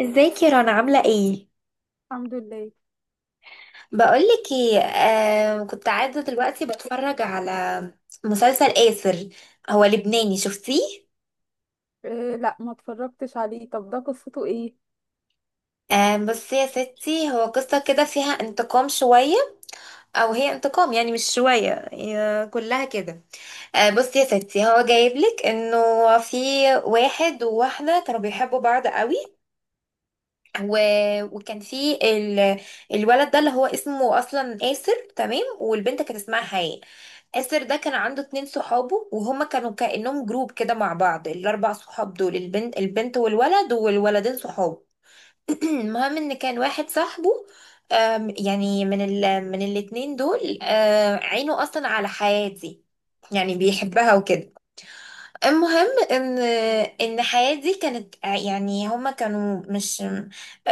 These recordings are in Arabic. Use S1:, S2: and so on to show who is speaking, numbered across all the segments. S1: ازيك يا رنا عاملة ايه؟
S2: الحمد لله.
S1: بقولك ايه، كنت قاعدة دلوقتي بتفرج على مسلسل آسر. هو لبناني شفتيه؟
S2: إيه، لا، ما اتفرجتش عليه. طب ده قصته ايه؟
S1: بس يا ستي هو قصة كده فيها انتقام شوية، او هي انتقام، يعني مش شوية، هي كلها كده. بصي يا ستي، هو جايبلك انه في واحد وواحدة كانوا بيحبوا بعض قوي و... وكان في ال... الولد ده اللي هو اسمه اصلا آسر، تمام، والبنت كانت اسمها حياء. آسر ده كان عنده اتنين صحابه، وهما كانوا كأنهم جروب كده مع بعض، الاربع صحاب دول البنت والولد والولدين صحابه. المهم ان كان واحد صاحبه، يعني من الاتنين دول، عينه اصلا على حياة دي، يعني بيحبها وكده. المهم ان الحياة دي كانت، يعني هما كانوا مش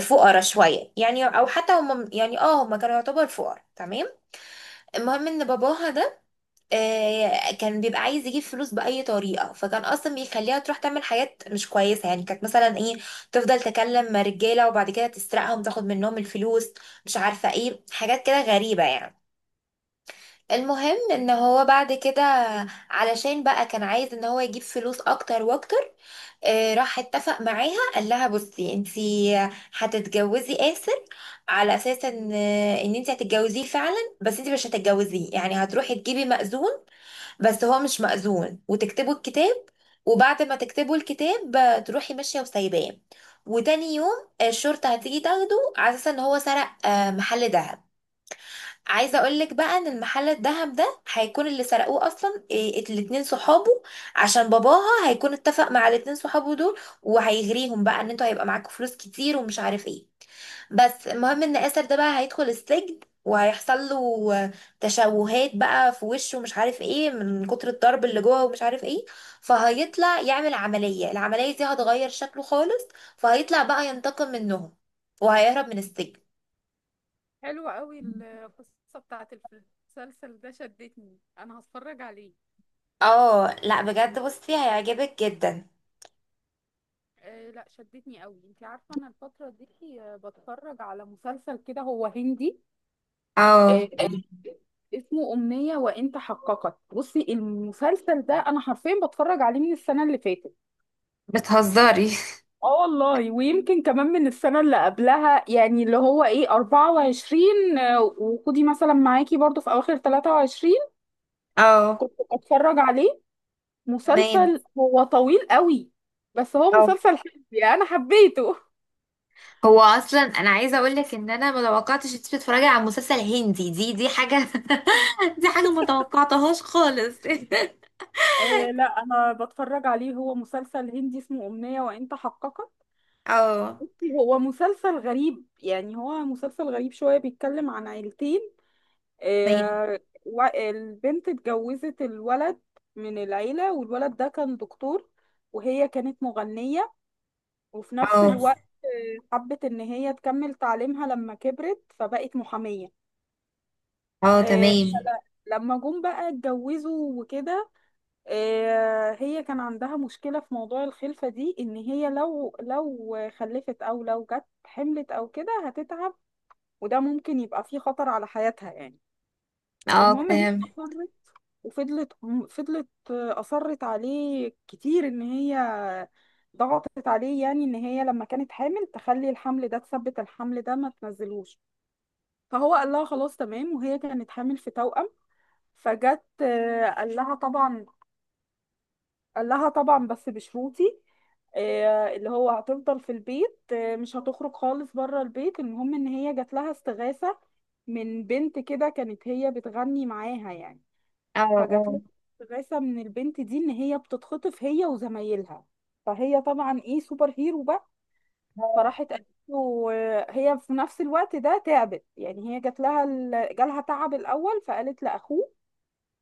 S1: فقراء شوية يعني، او حتى هما يعني، هما كانوا يعتبر فقراء، تمام. المهم ان باباها ده كان بيبقى عايز يجيب فلوس بأي طريقة، فكان اصلا بيخليها تروح تعمل حاجات مش كويسة، يعني كانت مثلا ايه، تفضل تكلم مع رجالة وبعد كده تسرقهم تاخد منهم الفلوس، مش عارفة ايه، حاجات كده غريبة يعني. المهم ان هو بعد كده، علشان بقى كان عايز ان هو يجيب فلوس اكتر واكتر، راح اتفق معاها قال لها بصي انتي هتتجوزي آسر، على اساس ان انتي هتتجوزيه فعلا، بس انتي مش هتتجوزيه، يعني هتروحي تجيبي مأذون، بس هو مش مأذون، وتكتبوا الكتاب، وبعد ما تكتبوا الكتاب تروحي ماشية وسايباه، وتاني يوم الشرطة هتيجي تاخده على اساس ان هو سرق محل دهب. عايزه اقول لك بقى ان المحل الذهب ده هيكون اللي سرقوه اصلا إيه، الاتنين صحابه، عشان باباها هيكون اتفق مع الاتنين صحابه دول، وهيغريهم بقى ان انتوا هيبقى معاكم فلوس كتير ومش عارف ايه. بس المهم ان اسر ده بقى هيدخل السجن، وهيحصل له تشوهات بقى في وشه ومش عارف ايه، من كتر الضرب اللي جوه ومش عارف ايه. فهيطلع يعمل عملية، العملية دي هتغير شكله خالص، فهيطلع بقى ينتقم منهم، وهيهرب من السجن.
S2: حلوة قوي القصة بتاعت المسلسل ده، شدتني، انا هتفرج عليه.
S1: اه لا، بجد بصي هيعجبك جدا.
S2: أه لا، شدتني قوي. انت عارفة انا الفترة دي بتفرج على مسلسل كده هو هندي.
S1: اه،
S2: أه اسمه أمنية وإن تحققت. بصي المسلسل ده انا حرفيا بتفرج عليه من السنة اللي فاتت.
S1: بتهزري.
S2: اه والله، ويمكن كمان من السنة اللي قبلها، يعني اللي هو 24، وخدي مثلا معاكي برضو في اواخر 23.
S1: اه،
S2: كنت بتفرج عليه.
S1: تمام،
S2: مسلسل هو طويل قوي، بس هو
S1: اه.
S2: مسلسل حلو، يعني انا حبيته.
S1: هو اصلا انا عايزه اقول لك ان انا ما توقعتش انت بتتفرجي على مسلسل هندي، دي حاجه. دي حاجه ما توقعتهاش خالص.
S2: لا، انا بتفرج عليه، هو مسلسل هندي اسمه أمنية وانت حققت.
S1: اه،
S2: بصي، هو مسلسل غريب، يعني هو مسلسل غريب شوية، بيتكلم عن عيلتين.
S1: تمام.
S2: آه، البنت اتجوزت الولد من العيلة، والولد ده كان دكتور، وهي كانت مغنية. وفي نفس
S1: اه،
S2: الوقت حبت إن هي تكمل تعليمها لما كبرت، فبقت محامية.
S1: اه،
S2: آه،
S1: تمام.
S2: فل- لما جم بقى اتجوزوا وكده. هي كان عندها مشكلة في موضوع الخلفة دي، إن هي لو خلفت أو لو جت حملت أو كده هتتعب، وده ممكن يبقى فيه خطر على حياتها يعني.
S1: اه،
S2: المهم هي،
S1: فاهم.
S2: وفضلت أصرت عليه كتير، إن هي ضغطت عليه يعني، إن هي لما كانت حامل تخلي الحمل ده، تثبت الحمل ده ما تنزلوش. فهو قال لها خلاص تمام، وهي كانت حامل في توأم. فجت، قال لها طبعا بس بشروطي. اللي هو هتفضل في البيت، مش هتخرج خالص بره البيت. المهم إن هي جات لها استغاثة من بنت كده كانت هي بتغني معاها يعني.
S1: اه.
S2: فجات
S1: اه.
S2: لها استغاثة من البنت دي ان هي بتتخطف هي وزمايلها. فهي طبعا سوبر هيرو بقى.
S1: اه.
S2: فراحت قالت له، هي في نفس الوقت ده تعبت، يعني هي جالها تعب الاول، فقالت لاخوه،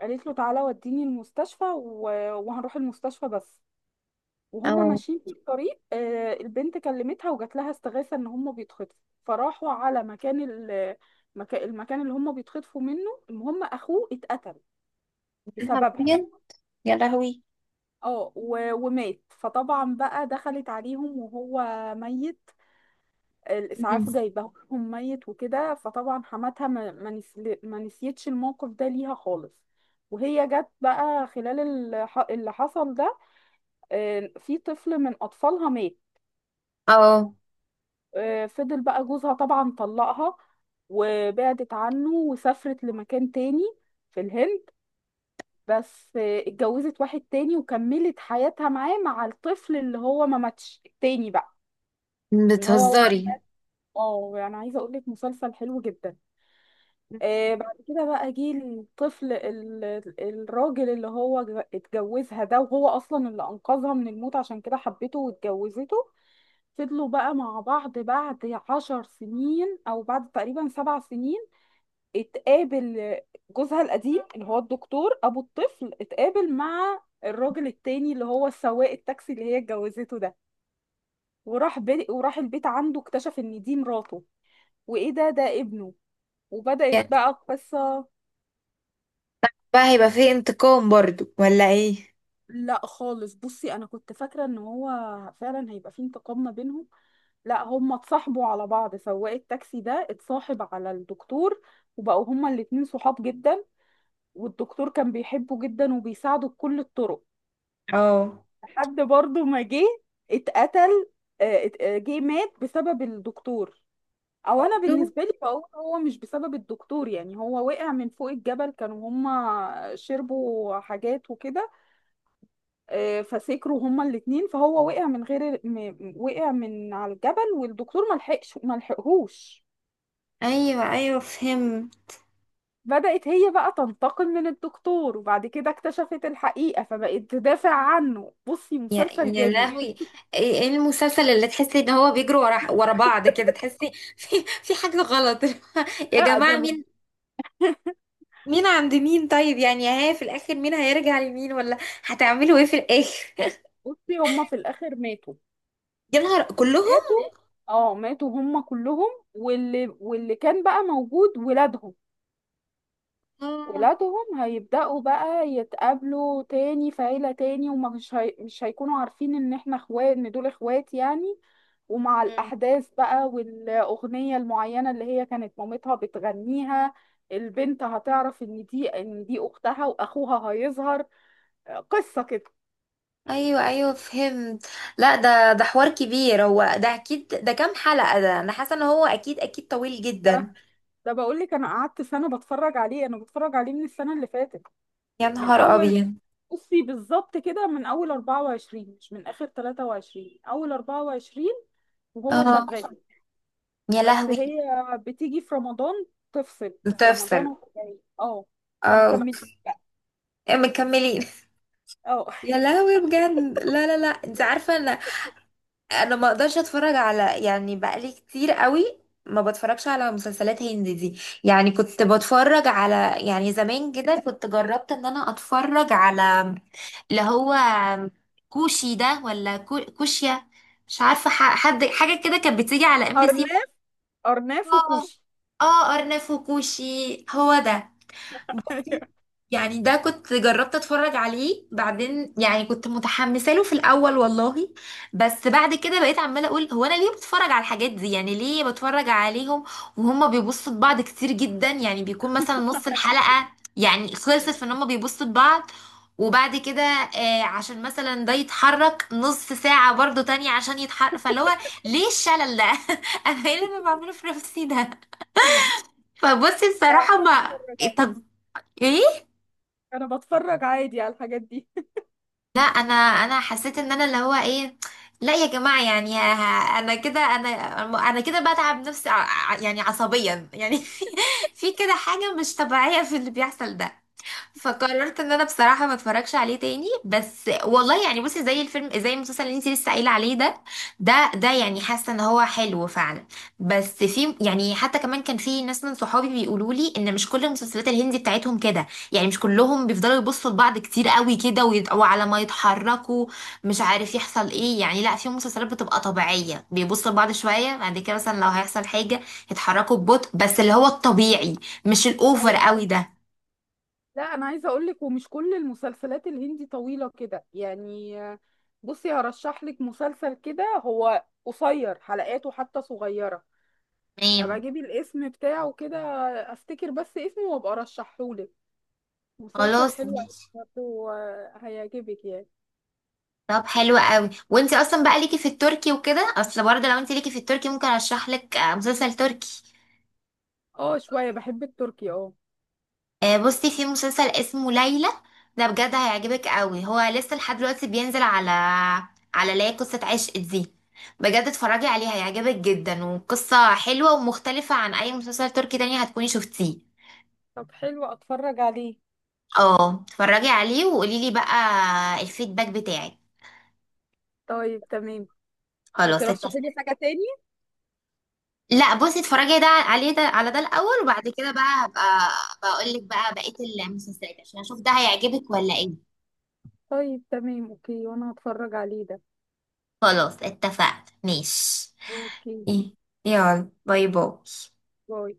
S2: قالت له تعالى وديني المستشفى، وهنروح المستشفى بس. وهم
S1: اه.
S2: ماشيين في الطريق، البنت كلمتها وجات لها استغاثة ان هم بيتخطفوا. فراحوا على المكان اللي هم بيتخطفوا منه. المهم اخوه اتقتل
S1: يا نهار
S2: بسببها،
S1: أبيض. يا لهوي.
S2: ومات. فطبعا بقى دخلت عليهم وهو ميت،
S1: مم.
S2: الإسعاف جايبهم ميت وكده. فطبعا حماتها ما نسيتش الموقف ده ليها خالص. وهي جت بقى خلال اللي حصل ده، في طفل من أطفالها مات.
S1: اه،
S2: فضل بقى جوزها طبعا طلقها، وبعدت عنه وسافرت لمكان تاني في الهند. بس اتجوزت واحد تاني وكملت حياتها معاه مع الطفل اللي هو ما ماتش، التاني بقى. يعني هو،
S1: بتهزري.
S2: اه يعني عايزه اقول لك مسلسل حلو جدا. بعد كده بقى جه الطفل ال... الراجل اللي هو اتجوزها ده، وهو اصلا اللي انقذها من الموت، عشان كده حبته واتجوزته. فضلوا بقى مع بعض. بعد 10 سنين او بعد تقريبا 7 سنين، اتقابل جوزها القديم اللي هو الدكتور ابو الطفل، اتقابل مع الراجل التاني اللي هو سواق التاكسي اللي هي اتجوزته ده. وراح البيت، عنده اكتشف ان دي مراته، وايه ده ابنه. وبدأت بقى القصة.
S1: بقى هيبقى فيه انتقام برضو ولا ايه؟
S2: لا خالص، بصي انا كنت فاكرة ان هو فعلا هيبقى في انتقام ما بينهم. لا، هما اتصاحبوا على بعض. سواق التاكسي ده اتصاحب على الدكتور، وبقوا هما الاتنين صحاب جدا، والدكتور كان بيحبه جدا وبيساعده بكل الطرق.
S1: اه.
S2: لحد برضه ما جه اتقتل. جه مات بسبب الدكتور. او انا بالنسبه لي بقول هو مش بسبب الدكتور، يعني هو وقع من فوق الجبل، كانوا هما شربوا حاجات وكده، فسكروا هما الاتنين، فهو وقع من على الجبل، والدكتور ما لحقش، ما لحقهوش.
S1: ايوه، ايوه، فهم.
S2: بدأت هي بقى تنتقم من الدكتور، وبعد كده اكتشفت الحقيقة، فبقت تدافع عنه. بصي
S1: يا
S2: مسلسل
S1: يا
S2: جامد.
S1: لهوي، ايه؟ إيه المسلسل اللي تحسي ان هو بيجروا ورا بعض كده؟ تحسي في حاجه غلط. يا
S2: لا
S1: جماعه،
S2: دول.
S1: مين مين عند مين؟ طيب يعني، ها، في الاخر مين هيرجع لمين؟ ولا هتعملوا ايه في الاخر؟
S2: بصي هما في الآخر ماتوا.
S1: يا نهار، كلهم؟
S2: ماتوا، اه، ماتوا هما كلهم. واللي كان بقى موجود ولادهم.
S1: آه.
S2: ولادهم هيبدأوا بقى يتقابلوا تاني في عيلة تاني، ومش هي... مش هيكونوا عارفين ان احنا اخوات، ان دول اخوات يعني. ومع
S1: مم.
S2: الأحداث بقى، والأغنية المعينة اللي هي كانت مامتها بتغنيها، البنت هتعرف ان دي اختها، واخوها هيظهر. قصة كده.
S1: ايوه، ايوه، فهمت. لا، ده حوار كبير، هو ده اكيد ده كام حلقه، ده انا حاسه ان هو اكيد اكيد طويل جدا.
S2: ده بقول لك، انا قعدت سنة بتفرج عليه، انا بتفرج عليه من السنة اللي فاتت.
S1: يا
S2: من
S1: نهار
S2: اول،
S1: ابيض.
S2: بصي بالظبط كده، من اول 24، مش من اخر 23، اول 24 وهو
S1: اه.
S2: شغال.
S1: يا
S2: بس
S1: لهوي.
S2: هي بتيجي في رمضان، تفصل في رمضان،
S1: بتفصل.
S2: وهو جاي اه،
S1: اه.
S2: فمكمل بقى.
S1: مكملين.
S2: اه،
S1: يا لهوي، بجد، لا، لا، لا، انت عارفه، انا ما اقدرش اتفرج على، يعني بقالي كتير قوي ما بتفرجش على مسلسلات هندي دي، يعني كنت بتفرج على، يعني زمان كده كنت جربت ان انا اتفرج على اللي هو كوشي ده ولا كوشيا، مش عارفه، حد حاجه كده كانت بتيجي على MBC.
S2: ارناف ارناف
S1: اه.
S2: وكوشي.
S1: اه، ارنب وكوشي، هو ده.
S2: أيوة.
S1: يعني ده كنت جربت اتفرج عليه، بعدين يعني كنت متحمسه له في الاول والله، بس بعد كده بقيت عماله اقول هو انا ليه بتفرج على الحاجات دي؟ يعني ليه بتفرج عليهم وهما بيبصوا لبعض كتير جدا؟ يعني بيكون مثلا نص الحلقه، يعني خلصت في ان هما بيبصوا لبعض، وبعد كده عشان مثلا ده يتحرك نص ساعه برضو تانية عشان يتحرك، فاللي هو ليه الشلل ده؟ انا ايه اللي انا بعمله في نفسي ده؟ فبصي
S2: لا، انا
S1: بصراحه، ما إيه،
S2: بتفرج
S1: طب. ايه؟
S2: انا بتفرج عادي على الحاجات دي.
S1: لا، انا حسيت ان انا اللي هو ايه، لا يا جماعه، يعني انا كده، انا كده بتعب نفسي يعني عصبيا يعني. في كده حاجه مش طبيعيه في اللي بيحصل ده. فقررت ان انا بصراحه ما اتفرجش عليه تاني، بس والله يعني بصي، زي الفيلم، زي المسلسل اللي انت لسه قايله عليه ده، ده يعني حاسه ان هو حلو فعلا، بس في يعني حتى كمان كان في ناس من صحابي بيقولوا لي ان مش كل المسلسلات الهندي بتاعتهم كده، يعني مش كلهم بيفضلوا يبصوا لبعض كتير قوي كده، وعلى ما يتحركوا مش عارف يحصل ايه. يعني لا، في مسلسلات بتبقى طبيعيه، بيبصوا لبعض شويه، بعد كده مثلا لو هيحصل حاجه يتحركوا ببطء، بس اللي هو الطبيعي، مش الاوفر
S2: أيوة.
S1: قوي ده.
S2: لا انا عايزه اقول لك، ومش كل المسلسلات الهندي طويله كده يعني. بصي هرشح لك مسلسل كده، هو قصير، حلقاته حتى صغيره. ابقى
S1: تمام.
S2: اجيبي الاسم بتاعه كده، افتكر بس اسمه وابقى ارشحهولك. مسلسل
S1: خلاص،
S2: حلو أوي
S1: ماشي.
S2: برضه، هيعجبك يعني.
S1: طب حلو قوي، وانت اصلا بقى ليكي في التركي وكده، اصل برضه لو انت ليكي في التركي ممكن ارشح لك مسلسل تركي.
S2: اه، شويه بحب التركي اه.
S1: بصي، في مسلسل اسمه ليلى، ده بجد هيعجبك قوي، هو لسه لحد دلوقتي بينزل على لا قصة عشق دي. بجد، اتفرجي عليه، هيعجبك جدا، وقصة حلوة ومختلفة عن اي مسلسل تركي تاني هتكوني شفتيه.
S2: طب حلو، اتفرج عليه.
S1: اه، اتفرجي عليه وقولي لي بقى الفيدباك بتاعك.
S2: طيب تمام.
S1: خلاص،
S2: ترشحي لي
S1: اتفقنا.
S2: حاجه تاني.
S1: لا، بصي، اتفرجي ده عليه، ده، على ده الاول، وبعد كده بقى هبقى بقول لك بقى بقيه المسلسلات، عشان اشوف ده هيعجبك ولا ايه.
S2: طيب تمام، اوكي، وانا هتفرج عليه ده.
S1: خلاص، اتفقنا، ماشي.
S2: اوكي،
S1: إيه، يلا، باي باي.
S2: باي.